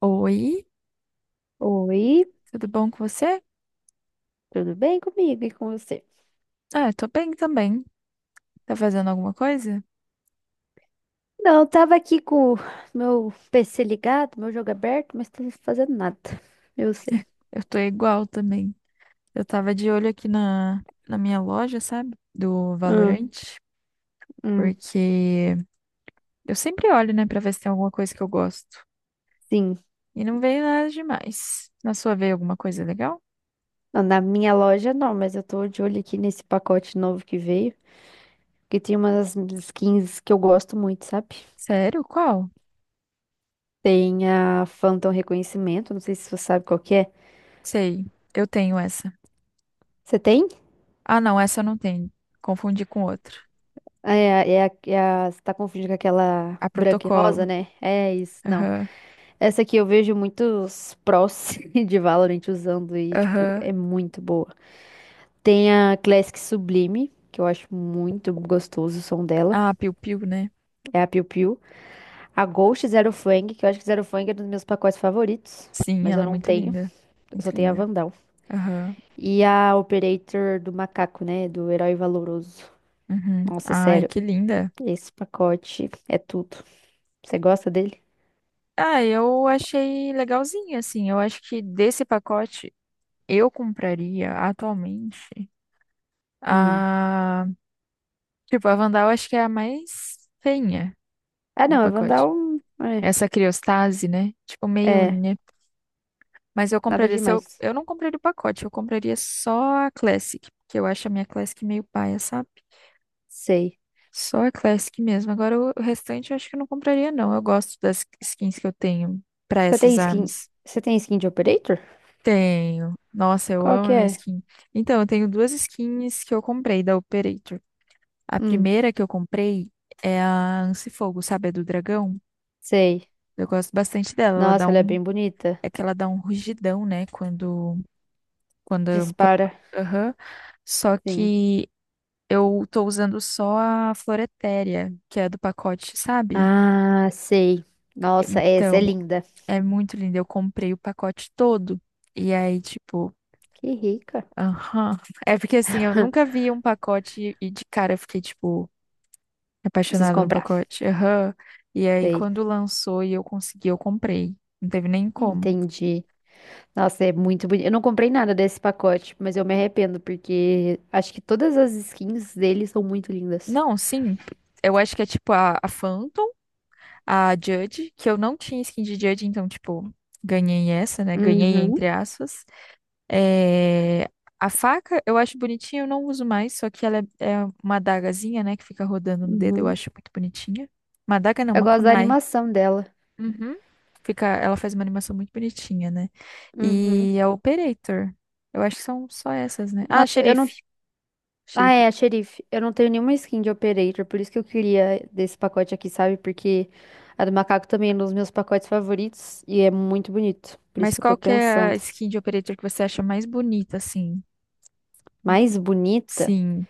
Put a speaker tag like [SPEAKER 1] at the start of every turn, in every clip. [SPEAKER 1] Oi,
[SPEAKER 2] Oi,
[SPEAKER 1] tudo bom com você?
[SPEAKER 2] tudo bem comigo e com você?
[SPEAKER 1] Ah, tô bem também. Tá fazendo alguma coisa?
[SPEAKER 2] Não, eu tava aqui com o meu PC ligado, meu jogo aberto, mas tava fazendo nada. Eu sei.
[SPEAKER 1] Eu tô igual também. Eu tava de olho aqui na minha loja, sabe? Do
[SPEAKER 2] Hum,
[SPEAKER 1] Valorant,
[SPEAKER 2] hum,
[SPEAKER 1] porque eu sempre olho, né, pra ver se tem alguma coisa que eu gosto.
[SPEAKER 2] sim.
[SPEAKER 1] E não veio nada demais. Na sua veio alguma coisa legal?
[SPEAKER 2] Não, na minha loja não, mas eu tô de olho aqui nesse pacote novo que veio, que tem umas skins que eu gosto muito, sabe?
[SPEAKER 1] Sério? Qual?
[SPEAKER 2] Tem a Phantom Reconhecimento, não sei se você sabe qual que é.
[SPEAKER 1] Sei, eu tenho essa.
[SPEAKER 2] Você tem?
[SPEAKER 1] Ah, não, essa eu não tenho. Confundi com outra.
[SPEAKER 2] Você tá confundindo com aquela
[SPEAKER 1] A
[SPEAKER 2] branca e
[SPEAKER 1] Protocolo.
[SPEAKER 2] rosa, né? É isso. Não,
[SPEAKER 1] Aham,
[SPEAKER 2] essa aqui eu vejo muitos prós de Valorant usando e, tipo,
[SPEAKER 1] aham.
[SPEAKER 2] é muito boa. Tem a Classic Sublime, que eu acho muito gostoso o som dela.
[SPEAKER 1] Ah, Piu Piu, né?
[SPEAKER 2] É a Piu Piu. A Ghost Zero Fang, que eu acho que Zero Fang é um dos meus pacotes favoritos.
[SPEAKER 1] Sim,
[SPEAKER 2] Mas
[SPEAKER 1] ela
[SPEAKER 2] eu
[SPEAKER 1] é
[SPEAKER 2] não
[SPEAKER 1] muito
[SPEAKER 2] tenho.
[SPEAKER 1] linda.
[SPEAKER 2] Eu
[SPEAKER 1] Muito
[SPEAKER 2] só tenho a
[SPEAKER 1] linda.
[SPEAKER 2] Vandal.
[SPEAKER 1] Aham,
[SPEAKER 2] E a Operator do Macaco, né? Do Herói Valoroso.
[SPEAKER 1] uhum.
[SPEAKER 2] Nossa,
[SPEAKER 1] Ai,
[SPEAKER 2] sério.
[SPEAKER 1] que linda.
[SPEAKER 2] Esse pacote é tudo. Você gosta dele?
[SPEAKER 1] Ah, eu achei legalzinho, assim. Eu acho que desse pacote eu compraria atualmente
[SPEAKER 2] Hum.
[SPEAKER 1] a. Tipo, a Vandal acho que é a mais feinha
[SPEAKER 2] Ah,
[SPEAKER 1] do
[SPEAKER 2] não. A
[SPEAKER 1] pacote.
[SPEAKER 2] Vandal. É.
[SPEAKER 1] Essa criostase, né? Tipo, meio,
[SPEAKER 2] É.
[SPEAKER 1] né? Mas eu
[SPEAKER 2] Nada
[SPEAKER 1] compraria. Se eu...
[SPEAKER 2] demais.
[SPEAKER 1] eu não compraria o pacote, eu compraria só a Classic, porque eu acho a minha Classic meio paia, sabe?
[SPEAKER 2] Sei.
[SPEAKER 1] Só a Classic mesmo. Agora o restante eu acho que eu não compraria, não. Eu gosto das skins que eu tenho pra
[SPEAKER 2] Você tem
[SPEAKER 1] essas
[SPEAKER 2] skin,
[SPEAKER 1] armas.
[SPEAKER 2] você tem skin de Operator?
[SPEAKER 1] Tenho. Nossa, eu
[SPEAKER 2] Qual
[SPEAKER 1] amo
[SPEAKER 2] que
[SPEAKER 1] a minha
[SPEAKER 2] é?
[SPEAKER 1] skin. Então, eu tenho duas skins que eu comprei da Operator. A
[SPEAKER 2] Hum,
[SPEAKER 1] primeira que eu comprei é a Ansifogo, sabe? A do dragão.
[SPEAKER 2] sei.
[SPEAKER 1] Eu gosto bastante dela. Ela dá
[SPEAKER 2] Nossa, ela é
[SPEAKER 1] um.
[SPEAKER 2] bem bonita.
[SPEAKER 1] É que ela dá um rugidão, né? Quando. quando...
[SPEAKER 2] Dispara.
[SPEAKER 1] Aham. Só
[SPEAKER 2] Sim.
[SPEAKER 1] que eu tô usando só a Floretéria, que é a do pacote, sabe?
[SPEAKER 2] Ah, sei. Nossa, essa é
[SPEAKER 1] Então,
[SPEAKER 2] linda.
[SPEAKER 1] é muito linda. Eu comprei o pacote todo. E aí, tipo.
[SPEAKER 2] Que rica.
[SPEAKER 1] Aham. É porque assim, eu nunca vi um pacote e de cara eu fiquei, tipo,
[SPEAKER 2] Preciso
[SPEAKER 1] apaixonada no
[SPEAKER 2] comprar.
[SPEAKER 1] pacote. Aham. E aí,
[SPEAKER 2] Sei.
[SPEAKER 1] quando lançou e eu consegui, eu comprei. Não teve nem como.
[SPEAKER 2] Entendi. Nossa, é muito bonito. Eu não comprei nada desse pacote, mas eu me arrependo porque acho que todas as skins dele são muito lindas.
[SPEAKER 1] Não, sim. Eu acho que é tipo a Phantom, a Judge, que eu não tinha skin de Judge, então, tipo, ganhei essa, né? Ganhei
[SPEAKER 2] Uhum,
[SPEAKER 1] entre aspas. É... A faca eu acho bonitinha, eu não uso mais, só que ela é uma adagazinha, né? Que fica rodando no dedo, eu
[SPEAKER 2] uhum.
[SPEAKER 1] acho muito bonitinha. Uma adaga não,
[SPEAKER 2] Eu
[SPEAKER 1] uma
[SPEAKER 2] gosto da
[SPEAKER 1] kunai.
[SPEAKER 2] animação dela.
[SPEAKER 1] Uhum. Fica, ela faz uma animação muito bonitinha, né?
[SPEAKER 2] Uhum.
[SPEAKER 1] E a Operator. Eu acho que são só essas, né? Ah,
[SPEAKER 2] Nossa, eu não.
[SPEAKER 1] Xerife.
[SPEAKER 2] Ah,
[SPEAKER 1] Xerife.
[SPEAKER 2] é, xerife. Eu não tenho nenhuma skin de Operator, por isso que eu queria desse pacote aqui, sabe? Porque a do macaco também é um dos meus pacotes favoritos e é muito bonito. Por isso
[SPEAKER 1] Mas
[SPEAKER 2] que eu tô
[SPEAKER 1] qual que é a
[SPEAKER 2] pensando.
[SPEAKER 1] skin de Operator que você acha mais bonita, assim?
[SPEAKER 2] Mais bonita,
[SPEAKER 1] Sim,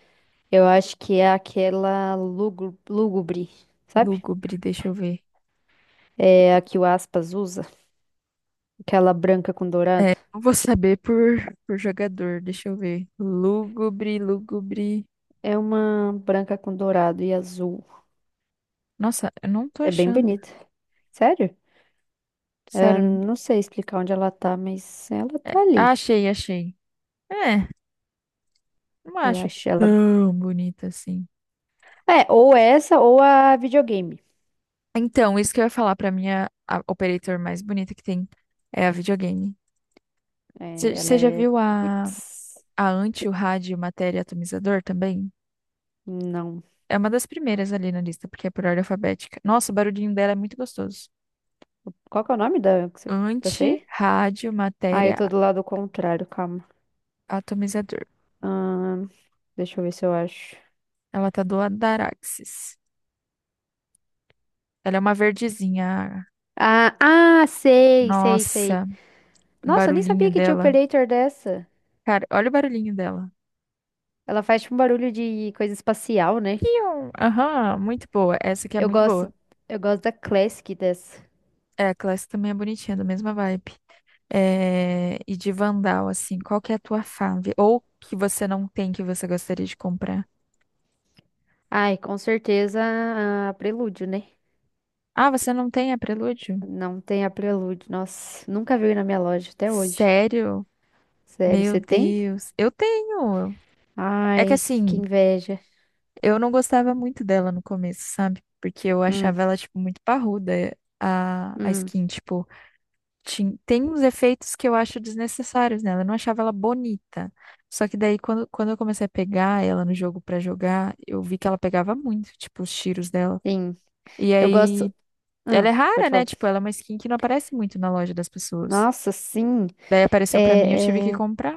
[SPEAKER 2] eu acho que é aquela lúgubre, sabe?
[SPEAKER 1] lúgubre, deixa eu ver.
[SPEAKER 2] É a que o Aspas usa, aquela branca com
[SPEAKER 1] É,
[SPEAKER 2] dourado.
[SPEAKER 1] não vou saber por jogador, deixa eu ver. Lúgubre, lúgubre.
[SPEAKER 2] É uma branca com dourado e azul.
[SPEAKER 1] Nossa, eu não tô
[SPEAKER 2] É bem
[SPEAKER 1] achando.
[SPEAKER 2] bonita. Sério? Eu
[SPEAKER 1] Sério.
[SPEAKER 2] não sei explicar onde ela tá, mas ela
[SPEAKER 1] É,
[SPEAKER 2] tá
[SPEAKER 1] ah,
[SPEAKER 2] ali.
[SPEAKER 1] achei, achei. É, não
[SPEAKER 2] Eu
[SPEAKER 1] acho
[SPEAKER 2] acho ela.
[SPEAKER 1] tão bonita assim.
[SPEAKER 2] É, ou essa ou a videogame.
[SPEAKER 1] Então, isso que eu ia falar pra minha a operator mais bonita que tem é a videogame.
[SPEAKER 2] É, ela
[SPEAKER 1] Você já
[SPEAKER 2] é.
[SPEAKER 1] viu a,
[SPEAKER 2] Putz,
[SPEAKER 1] a anti, o rádio, matéria e atomizador também?
[SPEAKER 2] não.
[SPEAKER 1] É uma das primeiras ali na lista, porque é por ordem alfabética. Nossa, o barulhinho dela é muito gostoso.
[SPEAKER 2] Qual que é o nome dessa
[SPEAKER 1] Anti,
[SPEAKER 2] aí?
[SPEAKER 1] rádio,
[SPEAKER 2] Ah, eu
[SPEAKER 1] matéria,
[SPEAKER 2] tô do lado contrário, calma.
[SPEAKER 1] atomizador.
[SPEAKER 2] Ahn, deixa eu ver se eu acho.
[SPEAKER 1] Ela tá do Adaraxis. Ela é uma verdezinha.
[SPEAKER 2] Ah, ah, sei, sei, sei.
[SPEAKER 1] Nossa, o
[SPEAKER 2] Nossa, eu nem
[SPEAKER 1] barulhinho
[SPEAKER 2] sabia que tinha
[SPEAKER 1] dela.
[SPEAKER 2] operator dessa.
[SPEAKER 1] Cara, olha o barulhinho dela.
[SPEAKER 2] Ela faz tipo um barulho de coisa espacial, né?
[SPEAKER 1] Pium! Aham, muito boa. Essa aqui é
[SPEAKER 2] Eu
[SPEAKER 1] muito boa.
[SPEAKER 2] gosto, eu gosto da Classic dessa.
[SPEAKER 1] É, a classe também é bonitinha, da mesma vibe. É, e de Vandal, assim, qual que é a tua fave? Ou que você não tem que você gostaria de comprar?
[SPEAKER 2] Ai, com certeza a Prelúdio, né?
[SPEAKER 1] Ah, você não tem a Prelúdio?
[SPEAKER 2] Não tem a Prelúdio. Nossa, nunca veio na minha loja até hoje.
[SPEAKER 1] Sério?
[SPEAKER 2] Sério,
[SPEAKER 1] Meu
[SPEAKER 2] você tem?
[SPEAKER 1] Deus. Eu tenho. É que
[SPEAKER 2] Ai, que
[SPEAKER 1] assim,
[SPEAKER 2] inveja.
[SPEAKER 1] eu não gostava muito dela no começo, sabe? Porque eu
[SPEAKER 2] Hum,
[SPEAKER 1] achava ela, tipo, muito parruda, é, a
[SPEAKER 2] hum,
[SPEAKER 1] skin. Tipo, tem uns efeitos que eu acho desnecessários nela. Eu não achava ela bonita. Só que daí, quando eu comecei a pegar ela no jogo pra jogar, eu vi que ela pegava muito, tipo, os tiros dela.
[SPEAKER 2] sim.
[SPEAKER 1] E
[SPEAKER 2] Eu
[SPEAKER 1] aí,
[SPEAKER 2] gosto.
[SPEAKER 1] ela
[SPEAKER 2] Ah,
[SPEAKER 1] é
[SPEAKER 2] pode
[SPEAKER 1] rara, né?
[SPEAKER 2] falar.
[SPEAKER 1] Tipo, ela é uma skin que não aparece muito na loja das pessoas.
[SPEAKER 2] Nossa, sim.
[SPEAKER 1] Daí apareceu pra mim, eu tive que
[SPEAKER 2] É, é,
[SPEAKER 1] comprar.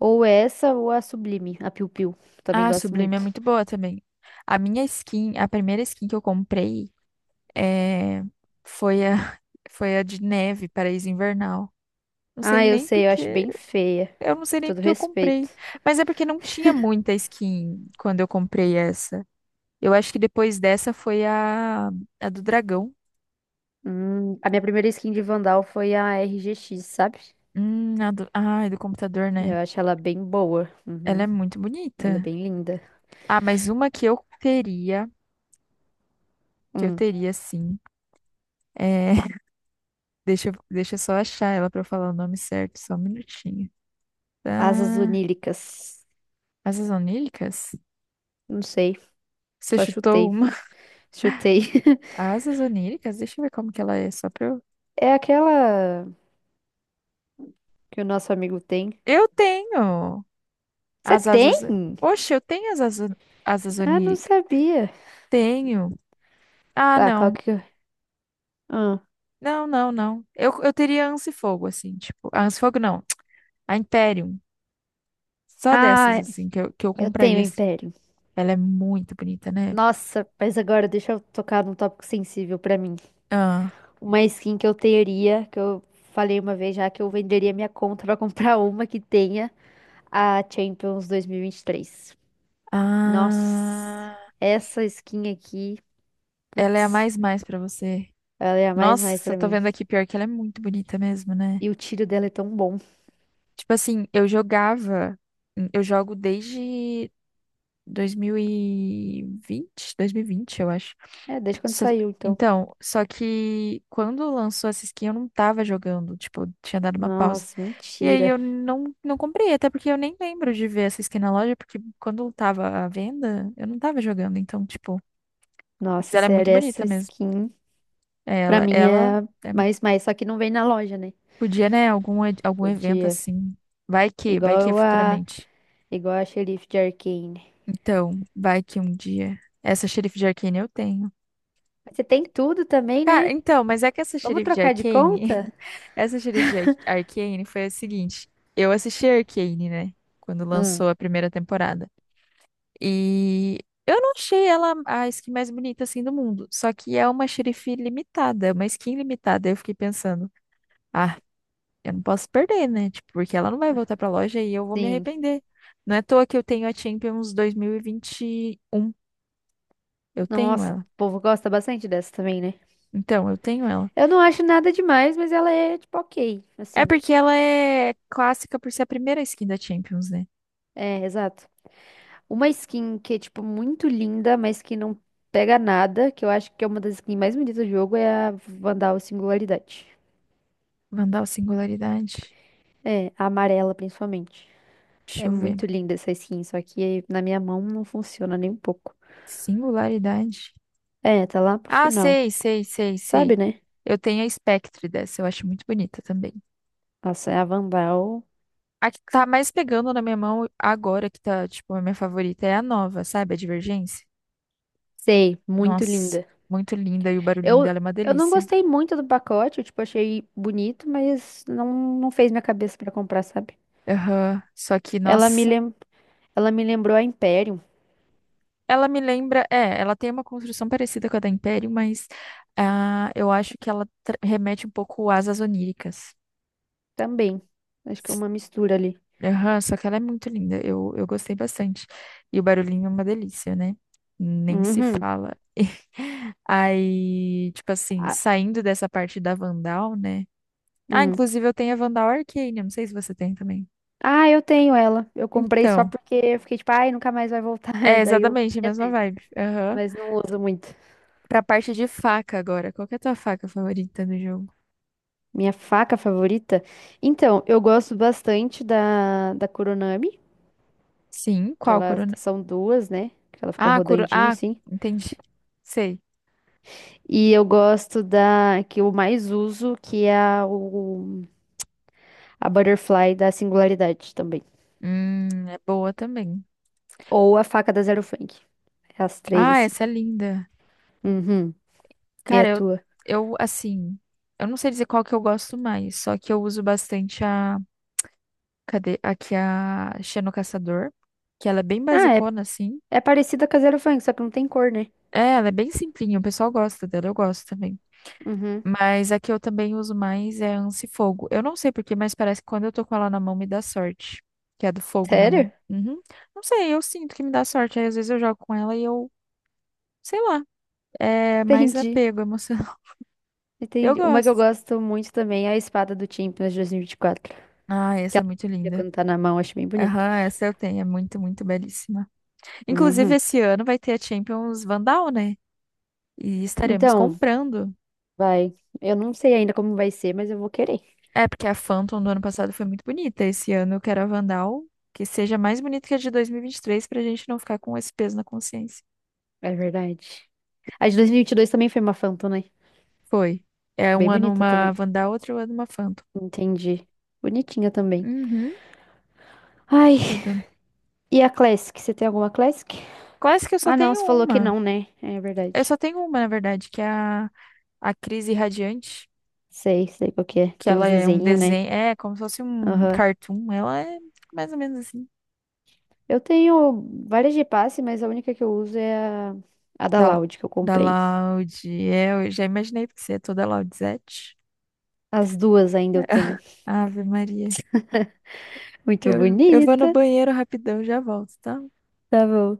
[SPEAKER 2] ou essa ou a Sublime, a Piu Piu. Também
[SPEAKER 1] Ah, a
[SPEAKER 2] gosto
[SPEAKER 1] Sublime é
[SPEAKER 2] muito.
[SPEAKER 1] muito boa também. A minha skin, a primeira skin que eu comprei é... foi a... foi a de neve, Paraíso Invernal. Não sei
[SPEAKER 2] Ah, eu
[SPEAKER 1] nem
[SPEAKER 2] sei, eu acho
[SPEAKER 1] porque,
[SPEAKER 2] bem feia.
[SPEAKER 1] eu não sei
[SPEAKER 2] Com
[SPEAKER 1] nem
[SPEAKER 2] todo
[SPEAKER 1] porque eu
[SPEAKER 2] respeito.
[SPEAKER 1] comprei. Mas é porque não tinha muita skin quando eu comprei essa. Eu acho que depois dessa foi a do dragão.
[SPEAKER 2] A minha primeira skin de Vandal foi a RGX, sabe?
[SPEAKER 1] Ai, do computador,
[SPEAKER 2] Eu
[SPEAKER 1] né?
[SPEAKER 2] acho ela bem boa.
[SPEAKER 1] Ela é
[SPEAKER 2] Uhum,
[SPEAKER 1] muito
[SPEAKER 2] ela é
[SPEAKER 1] bonita.
[SPEAKER 2] bem linda.
[SPEAKER 1] Ah, mas uma que eu
[SPEAKER 2] Hum,
[SPEAKER 1] teria sim. É, deixa eu só achar ela pra eu falar o nome certo, só um minutinho.
[SPEAKER 2] asas
[SPEAKER 1] Tá.
[SPEAKER 2] onílicas.
[SPEAKER 1] Asas oníricas?
[SPEAKER 2] Não sei,
[SPEAKER 1] Você
[SPEAKER 2] só
[SPEAKER 1] chutou
[SPEAKER 2] chutei.
[SPEAKER 1] uma?
[SPEAKER 2] Chutei.
[SPEAKER 1] Asas oníricas? Deixa eu ver como que ela é, só pra eu.
[SPEAKER 2] É aquela que o nosso amigo tem.
[SPEAKER 1] Eu tenho
[SPEAKER 2] Você
[SPEAKER 1] as
[SPEAKER 2] tem?
[SPEAKER 1] asas. Oxe, eu tenho as asas, asas
[SPEAKER 2] Ah, não
[SPEAKER 1] oníricas.
[SPEAKER 2] sabia.
[SPEAKER 1] Tenho. Ah,
[SPEAKER 2] Tá, qual
[SPEAKER 1] não.
[SPEAKER 2] que eu... Ah,
[SPEAKER 1] Não, não, não. Eu teria Anse Fogo, assim, tipo. A Anse Fogo não. A Imperium. Só dessas,
[SPEAKER 2] ah,
[SPEAKER 1] assim, que eu
[SPEAKER 2] eu tenho
[SPEAKER 1] compraria. Assim.
[SPEAKER 2] império.
[SPEAKER 1] Ela é muito bonita, né?
[SPEAKER 2] Nossa, mas agora deixa eu tocar num tópico sensível pra mim.
[SPEAKER 1] Ah,
[SPEAKER 2] Uma skin que eu teria, que eu falei uma vez já, que eu venderia minha conta pra comprar uma que tenha a Champions 2023. Nossa,
[SPEAKER 1] Ah,
[SPEAKER 2] essa skin aqui,
[SPEAKER 1] ela é a
[SPEAKER 2] putz,
[SPEAKER 1] mais mais pra você.
[SPEAKER 2] ela é a mais mais
[SPEAKER 1] Nossa, eu
[SPEAKER 2] pra
[SPEAKER 1] tô
[SPEAKER 2] mim.
[SPEAKER 1] vendo aqui pior que ela é muito bonita mesmo, né?
[SPEAKER 2] E o tiro dela é tão bom.
[SPEAKER 1] Tipo assim, eu jogava, eu jogo desde dois mil e vinte, eu acho.
[SPEAKER 2] É, desde quando
[SPEAKER 1] Só-
[SPEAKER 2] saiu, então.
[SPEAKER 1] então, só que quando lançou essa skin eu não tava jogando, tipo, eu tinha dado uma pausa.
[SPEAKER 2] Nossa,
[SPEAKER 1] E aí
[SPEAKER 2] mentira.
[SPEAKER 1] eu não comprei, até porque eu nem lembro de ver essa skin na loja, porque quando tava à venda, eu não tava jogando, então, tipo, mas
[SPEAKER 2] Nossa,
[SPEAKER 1] ela é muito
[SPEAKER 2] sério, essa
[SPEAKER 1] bonita.
[SPEAKER 2] skin. Pra
[SPEAKER 1] Ela,
[SPEAKER 2] mim
[SPEAKER 1] ela
[SPEAKER 2] é
[SPEAKER 1] é
[SPEAKER 2] mais, mais, só que não vem na loja, né?
[SPEAKER 1] podia, né? Algum, algum evento
[SPEAKER 2] Podia.
[SPEAKER 1] assim. Vai que é
[SPEAKER 2] Igual a,
[SPEAKER 1] futuramente.
[SPEAKER 2] igual a xerife de Arcane.
[SPEAKER 1] Então, vai que um dia. Essa xerife de Arcane eu tenho.
[SPEAKER 2] Mas você tem tudo também,
[SPEAKER 1] Cara,
[SPEAKER 2] né?
[SPEAKER 1] então, mas é que essa
[SPEAKER 2] Vamos
[SPEAKER 1] xerife de
[SPEAKER 2] trocar de
[SPEAKER 1] Arcane.
[SPEAKER 2] conta?
[SPEAKER 1] Essa xerife de Arcane foi a seguinte. Eu assisti a Arcane, né? Quando
[SPEAKER 2] Hum,
[SPEAKER 1] lançou a primeira temporada. E eu não achei ela a skin mais bonita assim do mundo. Só que é uma xerife limitada, uma skin limitada. Eu fiquei pensando. Ah, eu não posso perder, né? Tipo, porque ela não vai voltar pra loja e eu vou me
[SPEAKER 2] sim.
[SPEAKER 1] arrepender. Não é à toa que eu tenho a Champions 2021. Eu tenho
[SPEAKER 2] Nossa, o
[SPEAKER 1] ela.
[SPEAKER 2] povo gosta bastante dessa também, né?
[SPEAKER 1] Então, eu tenho ela.
[SPEAKER 2] Eu não acho nada demais, mas ela é, tipo, ok.
[SPEAKER 1] É
[SPEAKER 2] Assim,
[SPEAKER 1] porque ela é clássica por ser a primeira skin da Champions, né?
[SPEAKER 2] é, exato. Uma skin que é, tipo, muito linda, mas que não pega nada, que eu acho que é uma das skins mais bonitas do jogo, é a Vandal Singularidade.
[SPEAKER 1] Vandal Singularidade.
[SPEAKER 2] É, a amarela, principalmente.
[SPEAKER 1] Deixa
[SPEAKER 2] É
[SPEAKER 1] eu ver.
[SPEAKER 2] muito linda essa skin, só que na minha mão não funciona nem um pouco.
[SPEAKER 1] Singularidade.
[SPEAKER 2] É, tá lá pro
[SPEAKER 1] Ah,
[SPEAKER 2] final.
[SPEAKER 1] sei, sei, sei,
[SPEAKER 2] Sabe,
[SPEAKER 1] sei.
[SPEAKER 2] né?
[SPEAKER 1] Eu tenho a Spectre dessa, eu acho muito bonita também.
[SPEAKER 2] Nossa, é a Vandal.
[SPEAKER 1] A que tá mais pegando na minha mão agora, que tá, tipo, a minha favorita, é a nova, sabe? A Divergência.
[SPEAKER 2] Sei, muito
[SPEAKER 1] Nossa,
[SPEAKER 2] linda.
[SPEAKER 1] muito linda e o barulhinho
[SPEAKER 2] Eu,
[SPEAKER 1] dela é uma
[SPEAKER 2] eu não
[SPEAKER 1] delícia.
[SPEAKER 2] gostei muito do pacote, eu, tipo, achei bonito, mas não fez minha cabeça pra comprar, sabe?
[SPEAKER 1] Aham, só que,
[SPEAKER 2] Ela me
[SPEAKER 1] nossa,
[SPEAKER 2] lem... Ela me lembrou a Imperium
[SPEAKER 1] ela me lembra. É, ela tem uma construção parecida com a da Império, mas ah, eu acho que ela remete um pouco às asas oníricas.
[SPEAKER 2] também. Acho que é uma mistura ali.
[SPEAKER 1] Aham, só que ela é muito linda. Eu gostei bastante. E o barulhinho é uma delícia, né? Nem se
[SPEAKER 2] Uhum.
[SPEAKER 1] fala. Aí, tipo assim,
[SPEAKER 2] Ah,
[SPEAKER 1] saindo dessa parte da Vandal, né? Ah,
[SPEAKER 2] hum.
[SPEAKER 1] inclusive eu tenho a Vandal Arcane, eu não sei se você tem também.
[SPEAKER 2] Ah, eu tenho ela. Eu comprei só
[SPEAKER 1] Então.
[SPEAKER 2] porque eu fiquei tipo, ai, nunca mais vai voltar.
[SPEAKER 1] É,
[SPEAKER 2] Daí eu
[SPEAKER 1] exatamente, a
[SPEAKER 2] queria
[SPEAKER 1] mesma
[SPEAKER 2] ter,
[SPEAKER 1] vibe. Aham.
[SPEAKER 2] mas não uso muito.
[SPEAKER 1] Pra parte de faca agora. Qual que é a tua faca favorita no jogo?
[SPEAKER 2] Minha faca favorita? Então, eu gosto bastante da Kuronami,
[SPEAKER 1] Sim,
[SPEAKER 2] que
[SPEAKER 1] qual
[SPEAKER 2] elas
[SPEAKER 1] corona?
[SPEAKER 2] são duas, né? Que ela fica
[SPEAKER 1] Ah,
[SPEAKER 2] rodandinho,
[SPEAKER 1] Ah,
[SPEAKER 2] assim.
[SPEAKER 1] entendi. Sei.
[SPEAKER 2] E eu gosto da que eu mais uso, que é a Butterfly da Singularidade também.
[SPEAKER 1] É boa também.
[SPEAKER 2] Ou a faca da Zero Funk. É as três,
[SPEAKER 1] Ah,
[SPEAKER 2] assim.
[SPEAKER 1] essa é linda.
[SPEAKER 2] Uhum. E a
[SPEAKER 1] Cara, eu,
[SPEAKER 2] tua?
[SPEAKER 1] eu assim, eu não sei dizer qual que eu gosto mais, só que eu uso bastante a, cadê? Aqui a Xeno Caçador, que ela é bem
[SPEAKER 2] Ah, é,
[SPEAKER 1] basicona assim.
[SPEAKER 2] é parecida com a Zero Funk, só que não tem cor, né?
[SPEAKER 1] É, ela é bem simplinha, o pessoal gosta dela, eu gosto também.
[SPEAKER 2] Uhum.
[SPEAKER 1] Mas a que eu também uso mais é a Ansi Fogo. Eu não sei por porquê, mas parece que quando eu tô com ela na mão me dá sorte. Que é do fogo na
[SPEAKER 2] Sério?
[SPEAKER 1] mão. Uhum. Não sei, eu sinto que me dá sorte. Aí às vezes eu jogo com ela e eu, sei lá, é mais
[SPEAKER 2] Entendi.
[SPEAKER 1] apego emocional. Eu
[SPEAKER 2] Entendi. Uma que eu
[SPEAKER 1] gosto.
[SPEAKER 2] gosto muito também é a espada do Champions 2024.
[SPEAKER 1] Ah,
[SPEAKER 2] Que
[SPEAKER 1] essa é
[SPEAKER 2] ela
[SPEAKER 1] muito
[SPEAKER 2] fazia
[SPEAKER 1] linda.
[SPEAKER 2] quando tá na mão, acho bem bonito.
[SPEAKER 1] Aham, essa eu tenho, é muito, muito belíssima. Inclusive,
[SPEAKER 2] Uhum.
[SPEAKER 1] esse ano vai ter a Champions Vandal, né? E estaremos
[SPEAKER 2] Então,
[SPEAKER 1] comprando.
[SPEAKER 2] vai. Eu não sei ainda como vai ser, mas eu vou querer.
[SPEAKER 1] É, porque a Phantom do ano passado foi muito bonita. Esse ano eu quero a Vandal que seja mais bonita que a de 2023 pra gente não ficar com esse peso na consciência.
[SPEAKER 2] É verdade. A de 2022 também foi uma Phantom, né?
[SPEAKER 1] Foi. É um
[SPEAKER 2] Bem
[SPEAKER 1] ano
[SPEAKER 2] bonita
[SPEAKER 1] uma
[SPEAKER 2] também.
[SPEAKER 1] Vandal, outro ano uma Phantom.
[SPEAKER 2] Entendi. Bonitinha também.
[SPEAKER 1] Uhum.
[SPEAKER 2] Ai,
[SPEAKER 1] Chuta.
[SPEAKER 2] e a Classic? Você tem alguma Classic?
[SPEAKER 1] Quase que eu só
[SPEAKER 2] Ah, não,
[SPEAKER 1] tenho
[SPEAKER 2] você falou que
[SPEAKER 1] uma.
[SPEAKER 2] não, né? É
[SPEAKER 1] Eu só
[SPEAKER 2] verdade.
[SPEAKER 1] tenho uma, na verdade, que é a Crise Radiante,
[SPEAKER 2] Sei, sei qual que é.
[SPEAKER 1] que
[SPEAKER 2] Tem
[SPEAKER 1] ela
[SPEAKER 2] uns
[SPEAKER 1] é um
[SPEAKER 2] desenhos, né?
[SPEAKER 1] desenho, é como se fosse um
[SPEAKER 2] Aham.
[SPEAKER 1] cartoon. Ela é mais ou menos assim.
[SPEAKER 2] Eu tenho várias de passe, mas a única que eu uso é a da
[SPEAKER 1] Da,
[SPEAKER 2] Loud que eu
[SPEAKER 1] da
[SPEAKER 2] comprei.
[SPEAKER 1] Loud. É, eu já imaginei, porque você é toda Loudzette.
[SPEAKER 2] As duas ainda eu tenho.
[SPEAKER 1] Ave Maria.
[SPEAKER 2] Muito
[SPEAKER 1] Eu vou no
[SPEAKER 2] bonita.
[SPEAKER 1] banheiro rapidão, já volto, tá?
[SPEAKER 2] Tá bom.